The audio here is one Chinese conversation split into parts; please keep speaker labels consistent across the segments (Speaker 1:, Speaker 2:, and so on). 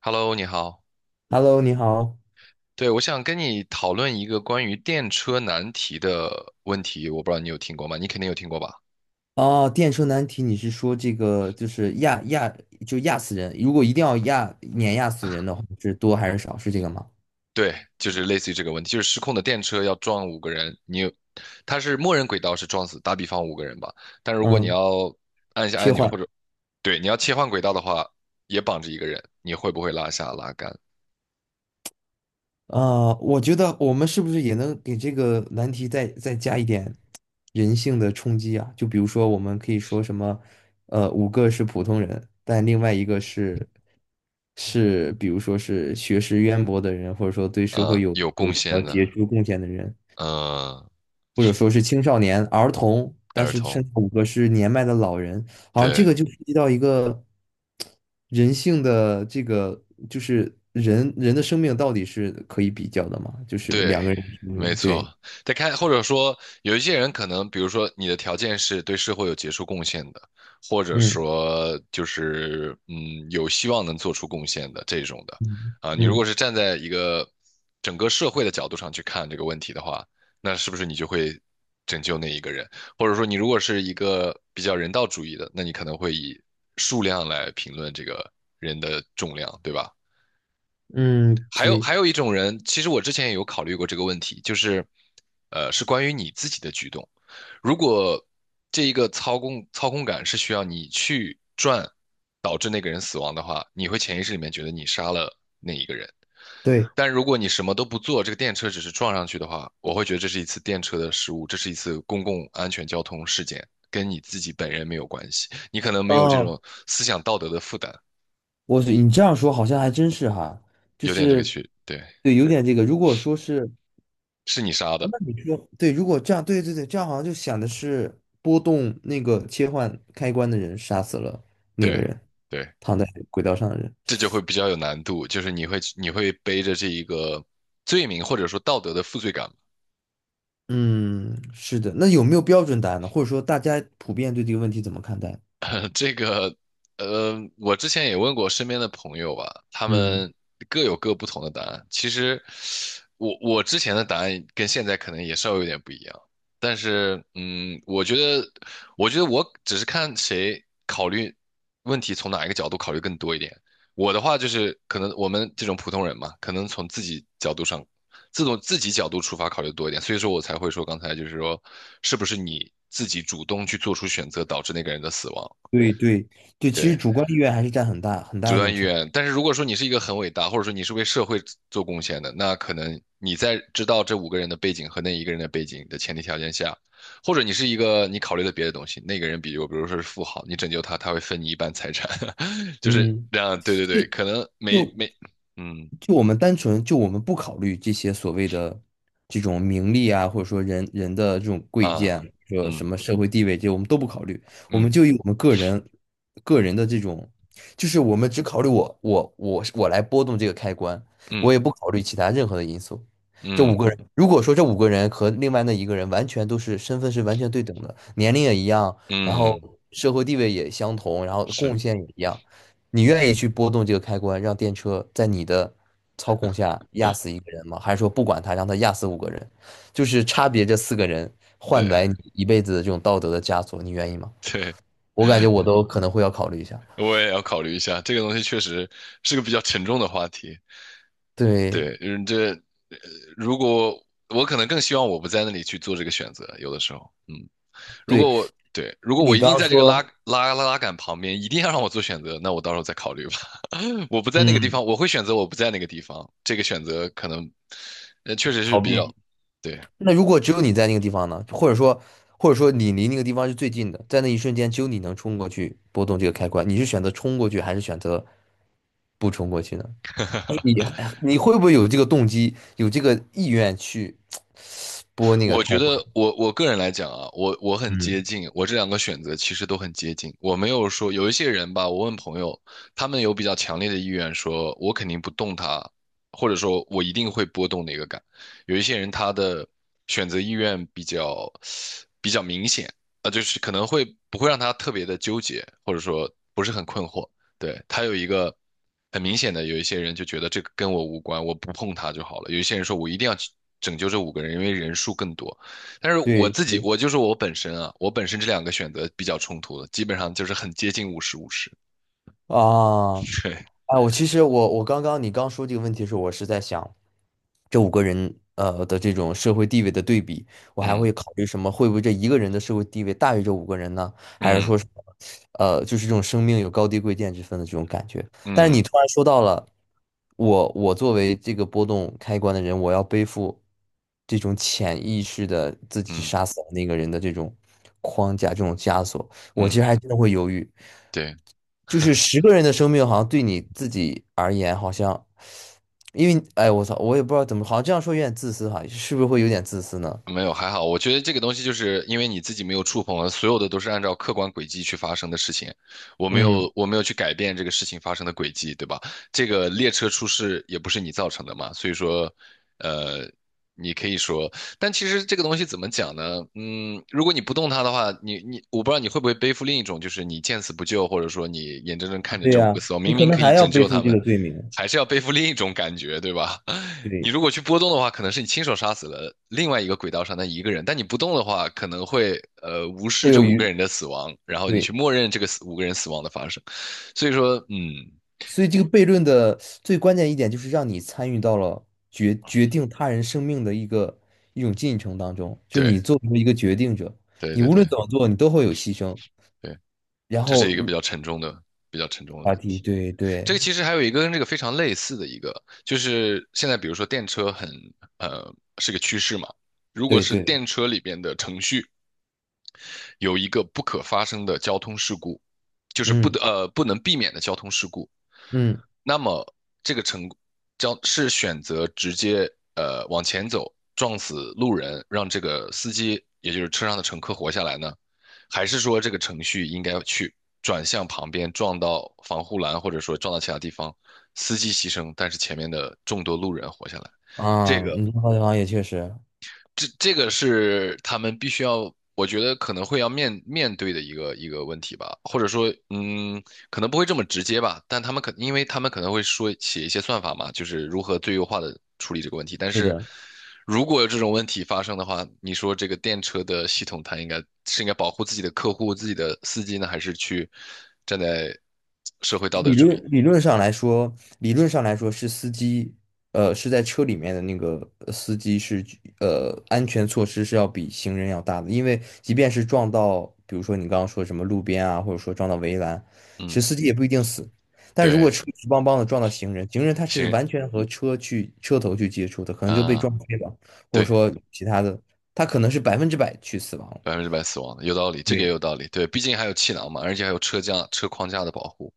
Speaker 1: Hello，你好。
Speaker 2: Hello，你好。
Speaker 1: 对，我想跟你讨论一个关于电车难题的问题，我不知道你有听过吗？你肯定有听过吧？
Speaker 2: 哦，电车难题，你是说这个就是压就压死人？如果一定要碾压死人的话，是多还是少？是这个吗？
Speaker 1: 对，就是类似于这个问题，就是失控的电车要撞五个人，它是默认轨道是撞死，打比方五个人吧。但如果你
Speaker 2: 嗯，
Speaker 1: 要按一下
Speaker 2: 切
Speaker 1: 按钮
Speaker 2: 换。
Speaker 1: 或者对你要切换轨道的话，也绑着一个人，你会不会拉下拉杆？
Speaker 2: 我觉得我们是不是也能给这个难题再加一点人性的冲击啊？就比如说，我们可以说什么，五个是普通人，但另外一个是，比如说是学识渊博的人，或者说对社会有
Speaker 1: 有
Speaker 2: 有
Speaker 1: 贡
Speaker 2: 什么
Speaker 1: 献
Speaker 2: 杰
Speaker 1: 的，
Speaker 2: 出贡献的人。
Speaker 1: 呃，
Speaker 2: 或者说是青少年、儿童，但
Speaker 1: 儿
Speaker 2: 是
Speaker 1: 童，
Speaker 2: 甚至五个是年迈的老人，好像这
Speaker 1: 对。
Speaker 2: 个就涉及到一个人性的这个，就是人的生命到底是可以比较的嘛？就是
Speaker 1: 对，
Speaker 2: 两个人的生
Speaker 1: 没
Speaker 2: 命，
Speaker 1: 错。
Speaker 2: 对，
Speaker 1: 再看，或者说有一些人可能，比如说你的条件是对社会有杰出贡献的，或者
Speaker 2: 嗯
Speaker 1: 说就是有希望能做出贡献的这种的
Speaker 2: 嗯
Speaker 1: 啊。你如
Speaker 2: 嗯
Speaker 1: 果是站在一个整个社会的角度上去看这个问题的话，那是不是你就会拯救那一个人？或者说你如果是一个比较人道主义的，那你可能会以数量来评论这个人的重量，对吧？
Speaker 2: 嗯，
Speaker 1: 还有还
Speaker 2: 对
Speaker 1: 有一种人，其实我之前也有考虑过这个问题，就是，是关于你自己的举动。如果这一个操控感是需要你去转，导致那个人死亡的话，你会潜意识里面觉得你杀了那一个人。
Speaker 2: 对，
Speaker 1: 但如果你什么都不做，这个电车只是撞上去的话，我会觉得这是一次电车的失误，这是一次公共安全交通事件，跟你自己本人没有关系。你可能没有这
Speaker 2: 哦，
Speaker 1: 种思想道德的负担，
Speaker 2: 你这样说好像还真是哈，就
Speaker 1: 有点这个
Speaker 2: 是
Speaker 1: 区，对，
Speaker 2: 对，有点这个，如果说是。
Speaker 1: 是你杀
Speaker 2: 啊
Speaker 1: 的，
Speaker 2: 那你说，对，如果这样，对对对，这样好像就想的是波动那个切换开关的人杀死了那个
Speaker 1: 对
Speaker 2: 人，
Speaker 1: 对。
Speaker 2: 躺在轨道上的人。
Speaker 1: 这就会比较有难度，就是你会背着这一个罪名或者说道德的负罪感
Speaker 2: 嗯，是的。那有没有标准答案呢？或者说大家普遍对这个问题怎么看待？
Speaker 1: 这个，我之前也问过身边的朋友吧，他
Speaker 2: 嗯，
Speaker 1: 们各有各不同的答案。其实我之前的答案跟现在可能也稍微有点不一样，但是，我觉得，我只是看谁考虑问题从哪一个角度考虑更多一点。我的话就是，可能我们这种普通人嘛，可能从自己角度上，自从自己角度出发考虑多一点，所以说我才会说刚才就是说，是不是你自己主动去做出选择导致那个人的死亡？
Speaker 2: 对对对，其实
Speaker 1: 对，
Speaker 2: 主观意愿还是占很大很
Speaker 1: 主
Speaker 2: 大一
Speaker 1: 观
Speaker 2: 种
Speaker 1: 意
Speaker 2: 成。
Speaker 1: 愿。但是如果说你是一个很伟大，或者说你是为社会做贡献的，那可能你在知道这五个人的背景和那一个人的背景的前提条件下，或者你是一个你考虑了别的东西，那个人比如说是富豪，你拯救他，他会分你一半财产，就是
Speaker 2: 嗯。
Speaker 1: 这样。对对对，可能没
Speaker 2: 就
Speaker 1: 没，嗯
Speaker 2: 就我们单纯就我们不考虑这些所谓的这种名利啊，或者说人的这种贵贱，
Speaker 1: 啊，
Speaker 2: 说什
Speaker 1: 嗯
Speaker 2: 么社会地位，这些我们都不考虑，我们
Speaker 1: 嗯
Speaker 2: 就以我们个人的这种，就是我们只考虑我来波动这个开关，我
Speaker 1: 嗯
Speaker 2: 也不考虑其他任何的因素。这五
Speaker 1: 嗯
Speaker 2: 个人，如果说这五个人和另外那一个人完全都是身份是完全对等的，年龄也一样，然后
Speaker 1: 嗯，
Speaker 2: 社会地位也相同，然后
Speaker 1: 是，
Speaker 2: 贡献也一样。你愿意去拨动这个开关，让电车在你的操控下压死一个人吗？还是说不管他，让他压死五个人？就是差别这四个人换
Speaker 1: 对
Speaker 2: 来你一辈子的这种道德的枷锁，你愿意吗？
Speaker 1: 对，
Speaker 2: 我感觉我都可能会要考虑一下。
Speaker 1: 我也要考虑一下，这个东西确实是个比较沉重的话题。
Speaker 2: 对
Speaker 1: 对，如果我可能更希望我不在那里去做这个选择，有的时候，
Speaker 2: 对，
Speaker 1: 如果我
Speaker 2: 你
Speaker 1: 一
Speaker 2: 刚
Speaker 1: 定
Speaker 2: 刚
Speaker 1: 在这个
Speaker 2: 说，
Speaker 1: 拉杆旁边，一定要让我做选择，那我到时候再考虑吧。我不在那个地
Speaker 2: 嗯，
Speaker 1: 方，我会选择我不在那个地方，这个选择可能，确实是
Speaker 2: 逃
Speaker 1: 比较，
Speaker 2: 避。
Speaker 1: 对，
Speaker 2: 那如果只有你在那个地方呢？或者说，或者说你离那个地方是最近的，在那一瞬间只有你能冲过去拨动这个开关，你是选择冲过去还是选择不冲过去呢？你哎你会不会有这个动机，有这个意愿去拨那个
Speaker 1: 我觉
Speaker 2: 开
Speaker 1: 得
Speaker 2: 关？
Speaker 1: 我个人来讲啊，我很接
Speaker 2: 嗯，
Speaker 1: 近，我这两个选择其实都很接近。我没有说有一些人吧，我问朋友，他们有比较强烈的意愿说，我肯定不动他，或者说我一定会波动哪个感。有一些人他的选择意愿比较明显啊，就是可能会不会让他特别的纠结，或者说不是很困惑。对，他有一个很明显的，有一些人就觉得这个跟我无关，我不碰他就好了。有一些人说我一定要去拯救这五个人，因为人数更多。但是我
Speaker 2: 对
Speaker 1: 自己，
Speaker 2: 对
Speaker 1: 我就是我本身啊，我本身这两个选择比较冲突的，基本上就是很接近五十五十。
Speaker 2: 啊，
Speaker 1: 对，
Speaker 2: 啊，我其实刚刚你刚说这个问题的时候，我是在想这五个人的这种社会地位的对比，我还
Speaker 1: 嗯
Speaker 2: 会考虑什么？会不会这一个人的社会地位大于这五个人呢？还是
Speaker 1: 嗯
Speaker 2: 说什么就是这种生命有高低贵贱之分的这种感觉？但是你
Speaker 1: 嗯
Speaker 2: 突然说到了我作为这个波动开关的人，我要背负这种潜意识的自己
Speaker 1: 嗯
Speaker 2: 杀死了那个人的这种框架这种枷锁。我其实
Speaker 1: 嗯，
Speaker 2: 还真的会犹豫，
Speaker 1: 对。
Speaker 2: 就是10个人的生命，好像对你自己而言，好像，因为哎，我操，我也不知道怎么，好像这样说有点自私哈，是不是会有点自私呢？
Speaker 1: 没有，还好。我觉得这个东西就是因为你自己没有触碰了，所有的都是按照客观轨迹去发生的事情。
Speaker 2: 嗯，
Speaker 1: 我没有去改变这个事情发生的轨迹，对吧？这个列车出事也不是你造成的嘛，所以说，呃，你可以说但其实这个东西怎么讲呢？如果你不动它的话，你我不知道你会不会背负另一种，就是你见死不救，或者说你眼睁睁看着
Speaker 2: 对
Speaker 1: 这五个
Speaker 2: 呀，
Speaker 1: 死亡，
Speaker 2: 你
Speaker 1: 明
Speaker 2: 可
Speaker 1: 明
Speaker 2: 能
Speaker 1: 可以
Speaker 2: 还要
Speaker 1: 拯
Speaker 2: 背
Speaker 1: 救
Speaker 2: 负
Speaker 1: 他
Speaker 2: 这
Speaker 1: 们，
Speaker 2: 个罪名。
Speaker 1: 还是要背负另一种感觉，对吧？你
Speaker 2: 对，
Speaker 1: 如果去波动的话，可能是你亲手杀死了另外一个轨道上的一个人，但你不动的话，可能会无视
Speaker 2: 会
Speaker 1: 这
Speaker 2: 有
Speaker 1: 五个
Speaker 2: 余，
Speaker 1: 人的死亡，然后你
Speaker 2: 对，
Speaker 1: 去默认这个五个人死亡的发生。所以说，嗯，
Speaker 2: 所以这个悖论的最关键一点就是让你参与到了决定他人生命的一种进程当中，就
Speaker 1: 对
Speaker 2: 你作为一个决定者，
Speaker 1: 对
Speaker 2: 你
Speaker 1: 对
Speaker 2: 无论
Speaker 1: 对
Speaker 2: 怎么做，你都会有牺牲，
Speaker 1: 对，
Speaker 2: 然
Speaker 1: 这
Speaker 2: 后
Speaker 1: 是一个比较沉重的
Speaker 2: 话
Speaker 1: 问
Speaker 2: 题，
Speaker 1: 题。
Speaker 2: 对
Speaker 1: 这个
Speaker 2: 对
Speaker 1: 其实还有一个跟这个非常类似的一个，就是现在比如说电车是个趋势嘛，如果
Speaker 2: 对
Speaker 1: 是
Speaker 2: 对。
Speaker 1: 电车里边的程序有一个不可发生的交通事故，就是
Speaker 2: 嗯
Speaker 1: 不能避免的交通事故，
Speaker 2: 嗯
Speaker 1: 那么这个成将是选择直接往前走撞死路人，让这个司机也就是车上的乘客活下来呢，还是说这个程序应该去转向旁边撞到防护栏，或者说撞到其他地方，司机牺牲，但是前面的众多路人活下来？
Speaker 2: 啊，
Speaker 1: 这个
Speaker 2: 你这个地方也确实
Speaker 1: 这个是他们必须要，我觉得可能会要面对的一个问题吧，或者说，嗯，可能不会这么直接吧，但他们可，因为他们可能会说写一些算法嘛，就是如何最优化的处理这个问题。但
Speaker 2: 是
Speaker 1: 是
Speaker 2: 的。
Speaker 1: 如果有这种问题发生的话，你说这个电车的系统，它应该是应该保护自己的客户、自己的司机呢，还是去站在社会道德
Speaker 2: 理
Speaker 1: 主
Speaker 2: 论
Speaker 1: 义？
Speaker 2: 理论上来说，理论上来说是司机，是在车里面的那个司机是安全措施是要比行人要大的，因为即便是撞到，比如说你刚刚说什么路边啊，或者说撞到围栏，其
Speaker 1: 嗯，
Speaker 2: 实司机也不一定死。但如
Speaker 1: 对，
Speaker 2: 果车直邦邦的撞到行人，行人他是
Speaker 1: 行
Speaker 2: 完全和车头去接触的，可能就被
Speaker 1: 啊，
Speaker 2: 撞飞了，或者
Speaker 1: 对，
Speaker 2: 说其他的，他可能是100%去死亡了。
Speaker 1: 100%死亡的，有道理，这个也
Speaker 2: 对，
Speaker 1: 有道理。对，毕竟还有气囊嘛，而且还有车架、车框架的保护。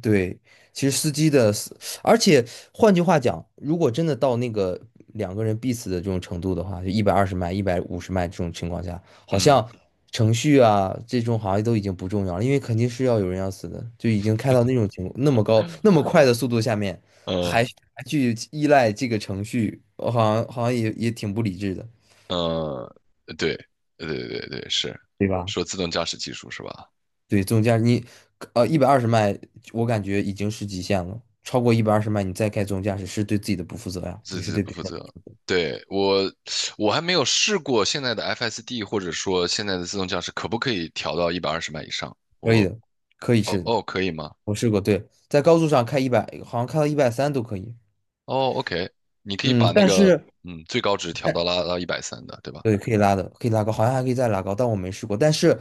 Speaker 2: 对，其实司机的司，而且换句话讲，如果真的到那个两个人必死的这种程度的话，就一百二十迈、150迈这种情况下，好
Speaker 1: 嗯
Speaker 2: 像程序啊这种好像都已经不重要了，因为肯定是要有人要死的，就已经开到那种那么高、那么快的速度下面，还
Speaker 1: 嗯
Speaker 2: 还去依赖这个程序，好像也挺不理智的，
Speaker 1: 呃，对对对对对，是
Speaker 2: 对吧？
Speaker 1: 说自动驾驶技术是吧？
Speaker 2: 对，自动驾驶，你一百二十迈，我感觉已经是极限了。超过一百二十迈，你再开自动驾驶是对自己的不负责呀，
Speaker 1: 自
Speaker 2: 你是
Speaker 1: 己
Speaker 2: 对
Speaker 1: 不
Speaker 2: 别
Speaker 1: 负
Speaker 2: 人的
Speaker 1: 责。对，我还没有试过现在的 FSD 或者说现在的自动驾驶可不可以调到120迈以上？
Speaker 2: 可
Speaker 1: 我
Speaker 2: 以的，可以
Speaker 1: 哦
Speaker 2: 试的，
Speaker 1: 哦，可以吗？
Speaker 2: 我试过。对，在高速上开一百，好像开到130都可以。
Speaker 1: 哦，OK，你可以
Speaker 2: 嗯，
Speaker 1: 把那
Speaker 2: 但
Speaker 1: 个
Speaker 2: 是
Speaker 1: 最高值拉到130的，对吧？
Speaker 2: 对，可以拉的，可以拉高，好像还可以再拉高，但我没试过。但是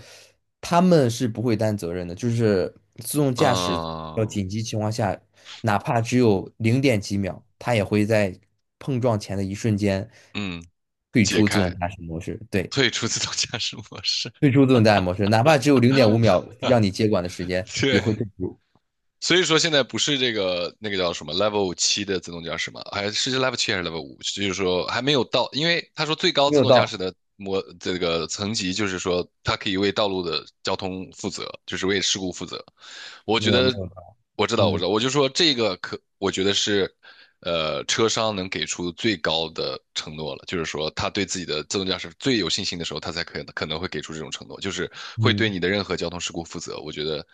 Speaker 2: 他们是不会担责任的，就是自动驾驶要
Speaker 1: 嗯
Speaker 2: 紧急情况下，哪怕只有零点几秒，它也会在碰撞前的一瞬间
Speaker 1: 嗯，
Speaker 2: 退
Speaker 1: 解
Speaker 2: 出自
Speaker 1: 开，
Speaker 2: 动驾驶模式。对，
Speaker 1: 退出自动驾驶模式。
Speaker 2: 退出自动驾驶模式，哪怕只有0.5秒让你接管的时间，也
Speaker 1: 对，
Speaker 2: 会退出。
Speaker 1: 所以说现在不是这个那个叫什么 Level 七的自动驾驶嘛，还是 Level 七还是 Level 5？就是说还没有到，因为他说最高
Speaker 2: 没
Speaker 1: 自
Speaker 2: 有
Speaker 1: 动驾驶
Speaker 2: 到，
Speaker 1: 的这个层级，就是说它可以为道路的交通负责，就是为事故负责。我
Speaker 2: 没
Speaker 1: 觉
Speaker 2: 有没
Speaker 1: 得
Speaker 2: 有到，
Speaker 1: 我知
Speaker 2: 嗯
Speaker 1: 道，我就说这个可，我觉得是，车商能给出最高的承诺了，就是说他对自己的自动驾驶最有信心的时候，他才可能会给出这种承诺，就是会对
Speaker 2: 嗯。
Speaker 1: 你的任何交通事故负责。我觉得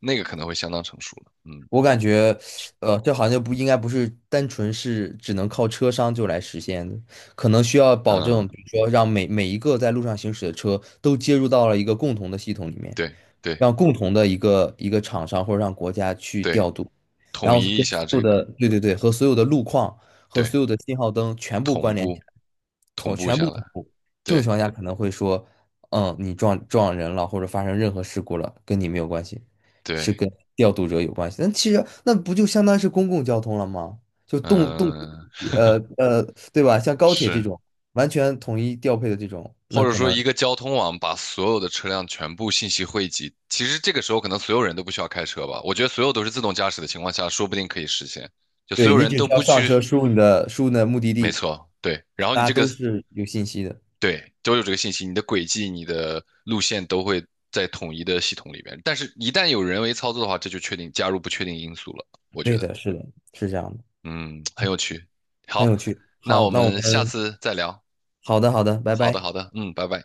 Speaker 1: 那个可能会相当成熟了。嗯
Speaker 2: 我感觉，这好像就不应该不是单纯是只能靠车商就来实现的，可能需要保证，
Speaker 1: 嗯，
Speaker 2: 比如说让每一个在路上行驶的车都接入到了一个共同的系统里面。
Speaker 1: 对对
Speaker 2: 让共同的一个厂商或者让国家去
Speaker 1: 对，
Speaker 2: 调度，然
Speaker 1: 统
Speaker 2: 后
Speaker 1: 一一
Speaker 2: 跟
Speaker 1: 下
Speaker 2: 所有
Speaker 1: 这个，
Speaker 2: 的，对对对，和所有的路况和
Speaker 1: 对，
Speaker 2: 所有的信号灯全部关
Speaker 1: 同
Speaker 2: 联起
Speaker 1: 步
Speaker 2: 来，
Speaker 1: 同步
Speaker 2: 全部
Speaker 1: 下来，
Speaker 2: 同步。这种情
Speaker 1: 对
Speaker 2: 况下可能会说，你撞人了或者发生任何事故了，跟你没有关系，
Speaker 1: 对，
Speaker 2: 是跟调度者有关系。那其实那不就相当于是公共交通了吗？就动动，
Speaker 1: 嗯，
Speaker 2: 呃呃，对吧？像高铁这
Speaker 1: 是。
Speaker 2: 种完全统一调配的这种，
Speaker 1: 或
Speaker 2: 那
Speaker 1: 者
Speaker 2: 可
Speaker 1: 说
Speaker 2: 能
Speaker 1: 一个交通网把所有的车辆全部信息汇集，其实这个时候可能所有人都不需要开车吧。我觉得所有都是自动驾驶的情况下，说不定可以实现，就所
Speaker 2: 对，
Speaker 1: 有
Speaker 2: 你
Speaker 1: 人
Speaker 2: 只
Speaker 1: 都
Speaker 2: 需要
Speaker 1: 不
Speaker 2: 上
Speaker 1: 去，
Speaker 2: 车，输入你的目的
Speaker 1: 没
Speaker 2: 地，
Speaker 1: 错，对。然后你
Speaker 2: 大家
Speaker 1: 这个
Speaker 2: 都是有信息的。
Speaker 1: 对都有这个信息，你的轨迹、你的路线都会在统一的系统里面。但是，一旦有人为操作的话，这就确定加入不确定因素了。我觉
Speaker 2: 对
Speaker 1: 得，
Speaker 2: 的，是的，是这样的，
Speaker 1: 嗯，很有趣。
Speaker 2: 很
Speaker 1: 好，
Speaker 2: 有趣。
Speaker 1: 那
Speaker 2: 好，
Speaker 1: 我
Speaker 2: 那我
Speaker 1: 们
Speaker 2: 们
Speaker 1: 下次再聊。
Speaker 2: 好的，好的，拜
Speaker 1: 好的，
Speaker 2: 拜。
Speaker 1: 好的，嗯，拜拜。